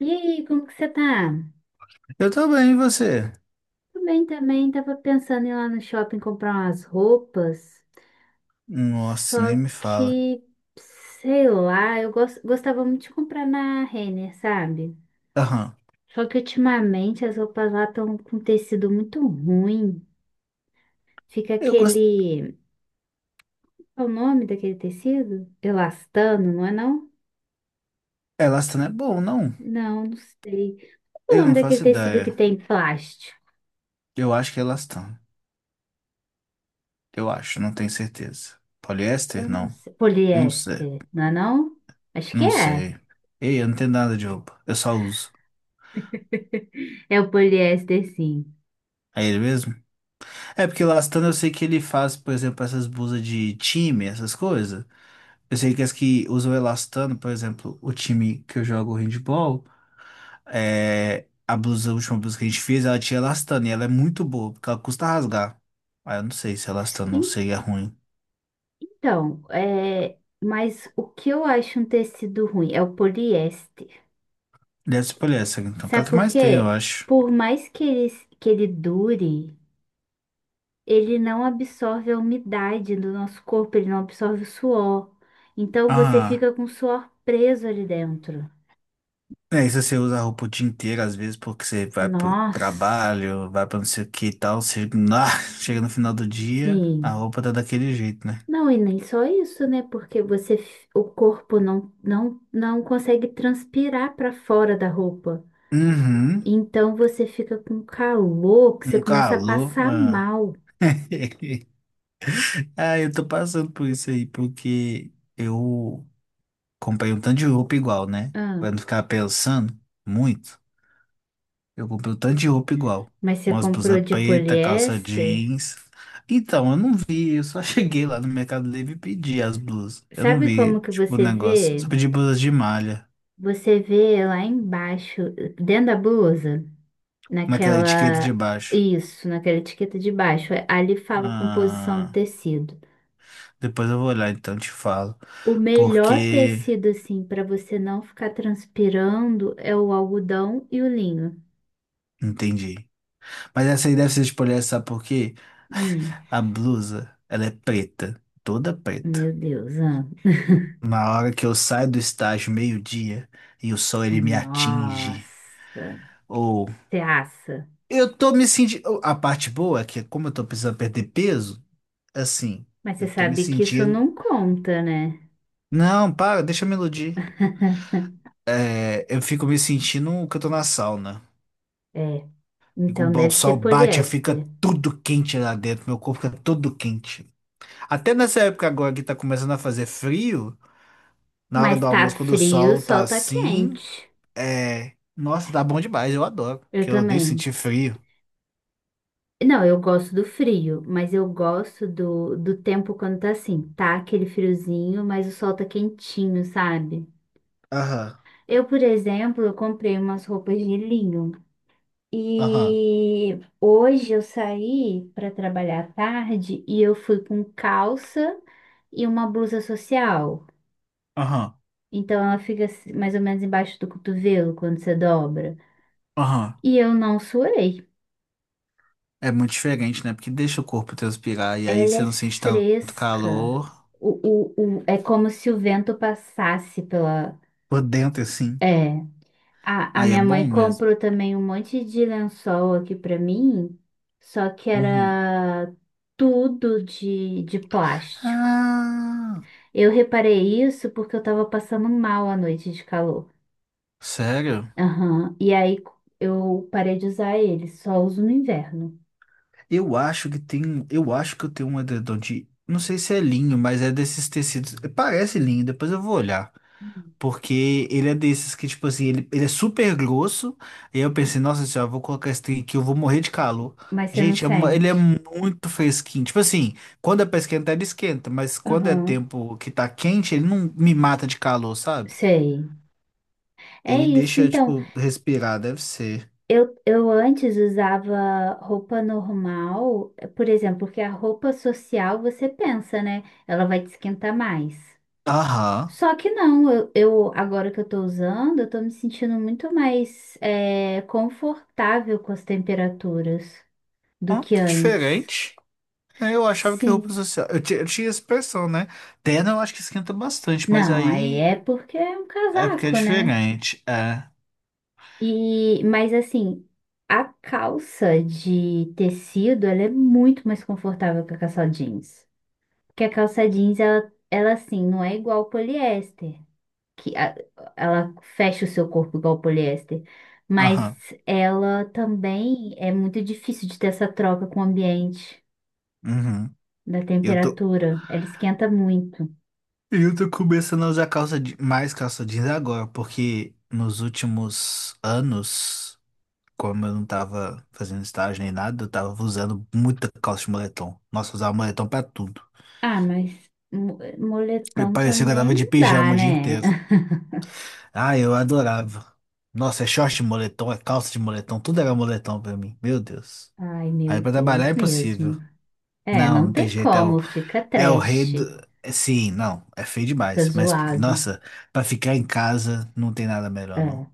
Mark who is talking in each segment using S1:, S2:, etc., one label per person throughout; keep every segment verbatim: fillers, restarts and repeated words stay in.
S1: E aí, como que você tá?
S2: Eu tô bem, e você?
S1: Tudo bem também, tava pensando em ir lá no shopping comprar umas roupas,
S2: Nossa,
S1: só
S2: nem me fala.
S1: que, sei lá, eu gos- gostava muito de comprar na Renner, sabe?
S2: Aham.
S1: Só que ultimamente as roupas lá estão com tecido muito ruim, fica
S2: Eu gosto.
S1: aquele... qual é o nome daquele tecido? Elastano, não é não?
S2: Elastano é bom, não?
S1: Não, não sei. Qual é o
S2: Eu
S1: nome
S2: não
S1: daquele
S2: faço
S1: tecido que
S2: ideia.
S1: tem plástico?
S2: Eu acho que é elastano. Eu acho, não tenho certeza.
S1: Eu
S2: Poliéster?
S1: não
S2: Não.
S1: sei.
S2: Não sei.
S1: Poliéster, não é não? Acho que
S2: Não
S1: é.
S2: sei. Ei, eu não tenho nada de roupa. Eu só uso.
S1: É o poliéster, sim.
S2: É ele mesmo? É porque elastano eu sei que ele faz, por exemplo, essas blusas de time, essas coisas. Eu sei que as que usam elastano, por exemplo, o time que eu jogo handball. É, a blusa, a última blusa que a gente fez, ela tinha elastano e ela é muito boa, porque ela custa rasgar. Ah, eu não sei se elastano
S1: En-
S2: seria ruim.
S1: Então, é, mas o que eu acho um tecido ruim é o poliéster.
S2: Deve ser poliéster, então, que é o
S1: Sabe
S2: que
S1: por
S2: mais tem, eu
S1: quê?
S2: acho.
S1: Por mais que ele, que ele dure, ele não absorve a umidade do nosso corpo, ele não absorve o suor. Então você
S2: Ah,
S1: fica com o suor preso ali dentro.
S2: é isso, você usa a roupa o dia inteiro, às vezes, porque você vai pro
S1: Nossa,
S2: trabalho, vai pra não sei o que e tal, você, ah, chega no final do dia, a
S1: sim.
S2: roupa tá daquele jeito, né?
S1: Não, e nem só isso, né? Porque você, f- o corpo não, não, não consegue transpirar para fora da roupa.
S2: Uhum,
S1: Então você fica com calor que você
S2: um
S1: começa a
S2: calor.
S1: passar
S2: Ah.
S1: mal.
S2: Ah, eu tô passando por isso aí, porque eu Comprei um tanto de roupa igual, né?
S1: Ah,
S2: Pra não ficar pensando muito. Eu comprei um tanto de roupa igual.
S1: mas você
S2: Umas
S1: comprou
S2: blusas
S1: de
S2: preta, calça
S1: poliéster?
S2: jeans. Então, eu não vi, eu só cheguei lá no Mercado Livre e pedi as blusas. Eu não
S1: Sabe
S2: vi,
S1: como que
S2: tipo, o
S1: você
S2: negócio.
S1: vê?
S2: Só pedi blusas de malha,
S1: Você vê lá embaixo, dentro da blusa,
S2: naquela etiqueta de
S1: naquela.
S2: baixo.
S1: Isso, naquela etiqueta de baixo. É, ali fala a composição do
S2: Ah,
S1: tecido.
S2: depois eu vou olhar, então e te falo.
S1: O melhor
S2: Porque.
S1: tecido, assim, para você não ficar transpirando é o algodão e o linho.
S2: Entendi. Mas essa aí deve ser de poliéster, sabe por quê?
S1: Hum,
S2: A blusa, ela é preta, toda preta.
S1: meu Deus, ah,
S2: na hora que eu saio do estágio meio-dia e o sol ele me
S1: nossa,
S2: atinge. Ou
S1: você assa.
S2: eu tô me sentindo. A parte boa é que, como eu tô precisando perder peso, assim,
S1: Mas você
S2: eu tô me
S1: sabe que isso
S2: sentindo.
S1: não conta, né?
S2: Não, para, deixa eu me iludir. É, eu fico me sentindo que eu tô na sauna.
S1: É,
S2: Fico-
S1: então
S2: O
S1: deve ser
S2: sol bate, fica
S1: poliéster.
S2: tudo quente lá dentro, meu corpo fica todo quente. Até nessa época agora que tá começando a fazer frio, na hora
S1: Mas
S2: do
S1: tá
S2: almoço, quando o
S1: frio, o
S2: sol tá
S1: sol tá
S2: assim,
S1: quente.
S2: é. Nossa, tá bom demais, eu adoro,
S1: Eu
S2: porque eu odeio
S1: também.
S2: sentir frio.
S1: Não, eu gosto do frio, mas eu gosto do, do tempo quando tá assim, tá aquele friozinho, mas o sol tá quentinho, sabe?
S2: Aham,
S1: Eu, por exemplo, eu comprei umas roupas de linho
S2: aham,
S1: e hoje eu saí para trabalhar à tarde e eu fui com calça e uma blusa social.
S2: aham,
S1: Então ela fica assim, mais ou menos embaixo do cotovelo quando você dobra.
S2: aham.
S1: E eu não suei.
S2: É muito diferente, né? Porque deixa o corpo transpirar e aí
S1: Ela
S2: você
S1: é
S2: não sente tanto
S1: fresca.
S2: calor
S1: O, o, o- é como se o vento passasse pela.
S2: por dentro, assim.
S1: É. A, a
S2: Aí é
S1: minha
S2: bom
S1: mãe
S2: mesmo.
S1: comprou também um monte de lençol aqui pra mim, só que
S2: Uhum.
S1: era tudo de, de plástico.
S2: Ah,
S1: Eu reparei isso porque eu tava passando mal à noite de calor.
S2: sério?
S1: Aham. E aí eu parei de usar ele, só uso no inverno.
S2: Eu acho que tem, eu acho que eu tenho um edredom de, não sei se é linho, mas é desses tecidos. Parece linho, depois eu vou olhar. Porque ele é desses que, tipo assim, ele, ele é super grosso. E aí eu pensei, nossa senhora, vou colocar esse trem aqui, eu vou morrer de calor.
S1: Mas você não
S2: Gente, é uma- ele é
S1: sente.
S2: muito fresquinho. Tipo assim, quando é pra esquentar, ele esquenta. Mas quando é
S1: Aham,
S2: tempo que tá quente, ele não me mata de calor, sabe?
S1: sei. É
S2: Ele
S1: isso.
S2: deixa,
S1: Então,
S2: tipo, respirar, deve ser.
S1: eu, eu antes usava roupa normal, por exemplo, porque a roupa social você pensa, né? Ela vai te esquentar mais.
S2: Aham.
S1: Só que não, eu, eu- agora que eu tô usando, eu tô me sentindo muito mais é, confortável com as temperaturas do
S2: Ó,
S1: que
S2: que
S1: antes.
S2: diferente. É, eu achava que roupa
S1: Sim.
S2: social. Eu, ti- eu tinha essa impressão, né? Terno eu acho que esquenta bastante, mas
S1: Não, aí
S2: aí
S1: é porque é um
S2: é porque é
S1: casaco, né?
S2: diferente. É.
S1: E, mas assim, a calça de tecido, ela é muito mais confortável que a calça jeans. Porque a calça jeans, ela, ela assim, não é igual ao poliéster, que a- ela fecha o seu corpo igual ao poliéster.
S2: Aham.
S1: Mas ela também é muito difícil de ter essa troca com o ambiente,
S2: Uhum.
S1: da
S2: Eu tô.
S1: temperatura. Ela esquenta muito.
S2: E eu tô começando a usar calça de... mais calça jeans agora, porque nos últimos anos, como eu não tava fazendo estágio nem nada, eu tava usando muita calça de moletom. Nossa, eu usava moletom pra tudo.
S1: Ah, mas mo-
S2: E
S1: moletom
S2: parecia que eu
S1: também
S2: tava de
S1: não dá,
S2: pijama o dia
S1: né?
S2: inteiro. Ah, eu adorava. Nossa, é short de moletom, é calça de moletom, tudo era moletom pra mim. Meu Deus.
S1: Ai,
S2: Aí
S1: meu
S2: pra trabalhar é
S1: Deus
S2: impossível.
S1: mesmo. É,
S2: Não,
S1: não
S2: não tem
S1: tem
S2: jeito, é o,
S1: como, fica
S2: é o rei
S1: trash,
S2: do... é, sim, não, é feio
S1: fica
S2: demais, mas
S1: zoado.
S2: nossa, pra ficar em casa não tem nada melhor,
S1: É.
S2: não.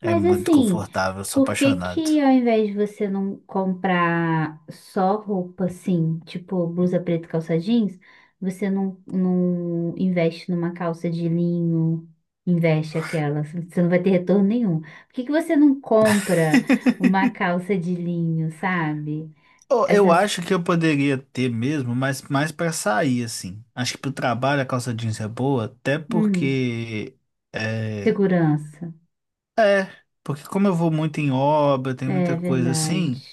S2: É
S1: Mas
S2: muito
S1: assim,
S2: confortável, sou
S1: por que
S2: apaixonado.
S1: que ao invés de você não comprar só roupa assim, tipo blusa preta e calça jeans, você não, não investe numa calça de linho, investe aquela, você não vai ter retorno nenhum. Por que que você não compra uma calça de linho, sabe?
S2: Oh, eu
S1: Essas,
S2: acho que eu poderia ter mesmo, mas mais pra sair, assim. Acho que pro trabalho a calça jeans é boa, até
S1: hum,
S2: porque. É,
S1: segurança.
S2: é, porque como eu vou muito em obra, tem
S1: É
S2: muita coisa
S1: verdade.
S2: assim,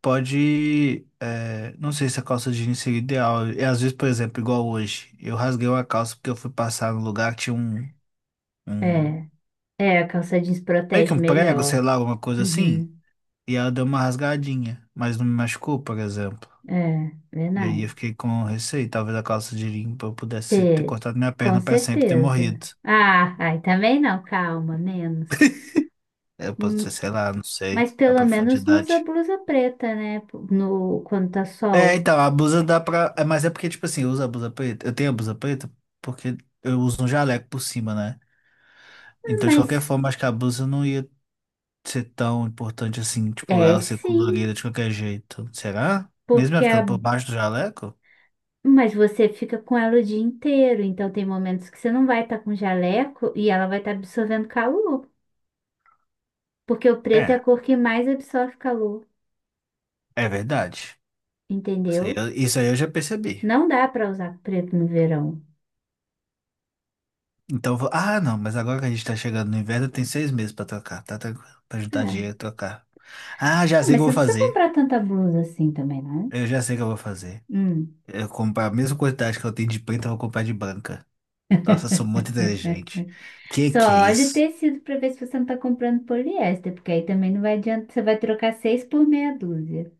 S2: pode. É, não sei se a calça jeans seria ideal. E às vezes, por exemplo, igual hoje, eu rasguei uma calça porque eu fui passar no lugar que tinha um, um.
S1: É. É, a calça jeans
S2: Meio que
S1: protege
S2: um prego, sei
S1: melhor.
S2: lá, alguma coisa assim,
S1: Uhum.
S2: e ela deu uma rasgadinha, mas não me machucou, por exemplo.
S1: É,
S2: E aí eu
S1: verdade.
S2: fiquei com receio, talvez a calça de limpa eu pudesse ter
S1: Te-
S2: cortado minha
S1: Com
S2: perna para sempre e ter
S1: certeza.
S2: morrido.
S1: Ah, ai, também não, calma, menos.
S2: É, eu posso ser
S1: Hum,
S2: sei lá, não sei,
S1: Mas
S2: a
S1: pelo menos não usa
S2: profundidade.
S1: blusa preta, né? No, quando tá
S2: É,
S1: sol.
S2: então, a blusa dá pra. É, mas é porque, tipo assim, eu uso a blusa preta. Eu tenho a blusa preta porque eu uso um jaleco por cima, né?
S1: Ah,
S2: Então, de qualquer
S1: mas
S2: forma, acho que a blusa não ia ser tão importante assim, tipo,
S1: é
S2: ela ser
S1: sim,
S2: colorida de qualquer jeito. Será? Mesmo ela
S1: porque
S2: ficando
S1: a,
S2: por baixo do jaleco?
S1: mas você fica com ela o dia inteiro, então tem momentos que você não vai estar com jaleco e ela vai estar absorvendo calor, porque o preto é a
S2: É,
S1: cor que mais absorve calor,
S2: é verdade. Isso aí
S1: entendeu?
S2: eu, isso aí eu já percebi.
S1: Não dá para usar preto no verão.
S2: Então, vou- ah, não, mas agora que a gente tá chegando no inverno, tem seis meses pra trocar, tá tranquilo. Pra juntar dinheiro
S1: É.
S2: e trocar. Ah, já
S1: Ah,
S2: sei o
S1: mas
S2: que eu
S1: você
S2: vou
S1: não precisa
S2: fazer.
S1: comprar tanta blusa assim também, não?
S2: Eu já sei o que eu vou fazer.
S1: Hum.
S2: Eu vou comprar a mesma quantidade que eu tenho de preta, eu vou comprar de branca. Nossa, eu sou muito inteligente. Que
S1: Só
S2: que é
S1: olha o
S2: isso?
S1: tecido para ver se você não tá comprando poliéster, porque aí também não vai adiantar. Você vai trocar seis por meia dúzia.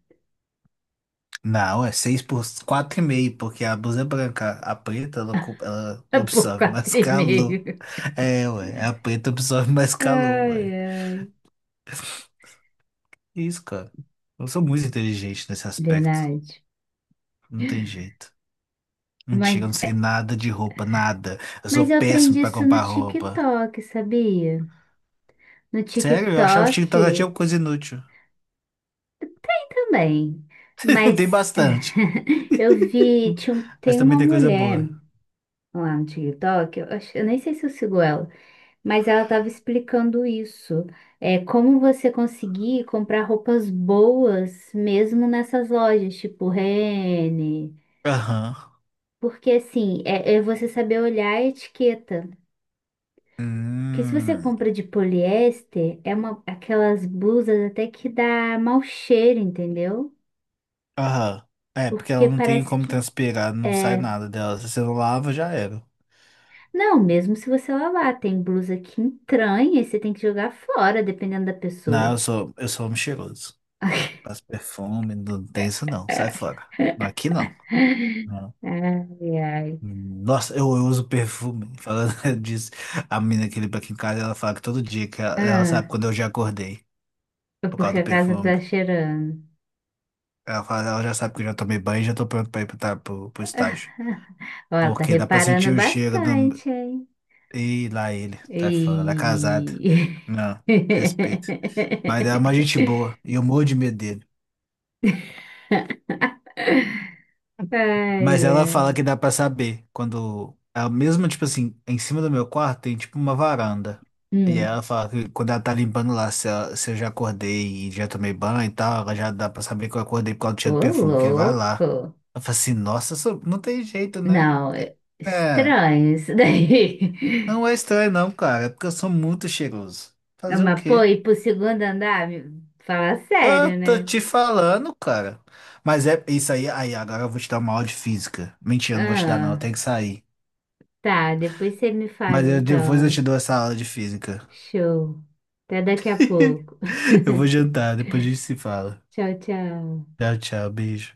S2: Não, é seis por quatro e meio, porque a blusa é branca. A preta, ela, ocu- ela
S1: Por
S2: absorve
S1: quatro
S2: mais
S1: e
S2: calor.
S1: meio.
S2: É, ué, a preta absorve mais calor,
S1: Ai,
S2: ué.
S1: ai.
S2: Isso, cara. Eu sou muito inteligente nesse aspecto.
S1: Verdade.
S2: Não tem jeito.
S1: Mas,
S2: Mentira, eu não sei nada de roupa, nada. Eu sou
S1: mas eu
S2: péssimo
S1: aprendi
S2: pra
S1: isso no
S2: comprar roupa.
S1: TikTok, sabia? No
S2: Sério, eu achava que
S1: TikTok
S2: TikTok
S1: e
S2: tinha coisa inútil.
S1: também.
S2: Tem
S1: Mas eh,
S2: bastante.
S1: eu vi, tinha, um-
S2: Mas
S1: tem
S2: também
S1: uma
S2: tem coisa
S1: mulher
S2: boa.
S1: lá no TikTok, eu, acho- eu nem sei se eu sigo ela, mas ela estava explicando isso. É como você conseguir comprar roupas boas mesmo nessas lojas, tipo Renner.
S2: Aham.
S1: Porque assim, é, é você saber olhar a etiqueta. Porque se você
S2: Hum.
S1: compra de poliéster, é uma, aquelas blusas até que dá mau cheiro, entendeu?
S2: Aham. É, porque ela
S1: Porque
S2: não tem
S1: parece
S2: como
S1: que
S2: transpirar, não sai
S1: é,
S2: nada dela. Se você não lava, já era.
S1: não, mesmo se você lavar, tem blusa que entranha e você tem que jogar fora, dependendo da
S2: Não, eu
S1: pessoa.
S2: sou, eu sou homem cheiroso. Passo perfume, não tem isso não. Sai fora. Aqui não.
S1: Ai, ai.
S2: Nossa, eu, eu uso perfume. Falando disso, a menina que limpa aqui em casa, ela fala que todo dia que ela, ela sabe
S1: Ah,
S2: quando eu já acordei
S1: é
S2: por causa
S1: porque
S2: do
S1: a casa
S2: perfume.
S1: tá cheirando.
S2: Ela fala, ela já sabe que eu já tomei banho e já tô pronto pra ir pro, tra- pro, pro estágio.
S1: Ó, tá
S2: Porque dá pra
S1: reparando
S2: sentir o cheiro do.
S1: bastante, hein?
S2: Ih, lá ele, tá falando, ela é casada.
S1: E...
S2: Não, respeito. Mas ela é uma gente boa e eu morro de medo dele.
S1: Ai,
S2: Mas ela fala
S1: ai.
S2: que dá pra saber quando ela mesmo tipo assim, em cima do meu quarto tem tipo uma varanda. E
S1: Hum.
S2: ela fala que quando ela tá limpando lá, se, ela- se eu já acordei e já tomei banho e tal, ela já dá pra saber que eu acordei por causa do
S1: Ô,
S2: cheiro do perfume, que ele vai lá.
S1: louco.
S2: Ela fala assim, nossa, sou- não tem jeito, né?
S1: Não, é
S2: É,
S1: estranho isso daí.
S2: não é estranho não, cara, é porque eu sou muito cheiroso.
S1: Ah,
S2: Fazer o
S1: mas, pô,
S2: quê?
S1: ir pro segundo andar? me- Fala
S2: Ah,
S1: sério,
S2: tô
S1: né?
S2: te falando, cara. Mas é isso aí, aí agora eu vou te dar uma aula de física. Mentira, não vou te dar não, eu
S1: Ah,
S2: tenho que sair.
S1: tá, depois você me fala
S2: Mas eu, depois eu te
S1: então.
S2: dou essa aula de física.
S1: Show. Até daqui a pouco.
S2: Eu vou jantar, depois a gente se fala.
S1: Tchau, tchau.
S2: Tchau, tchau, beijo.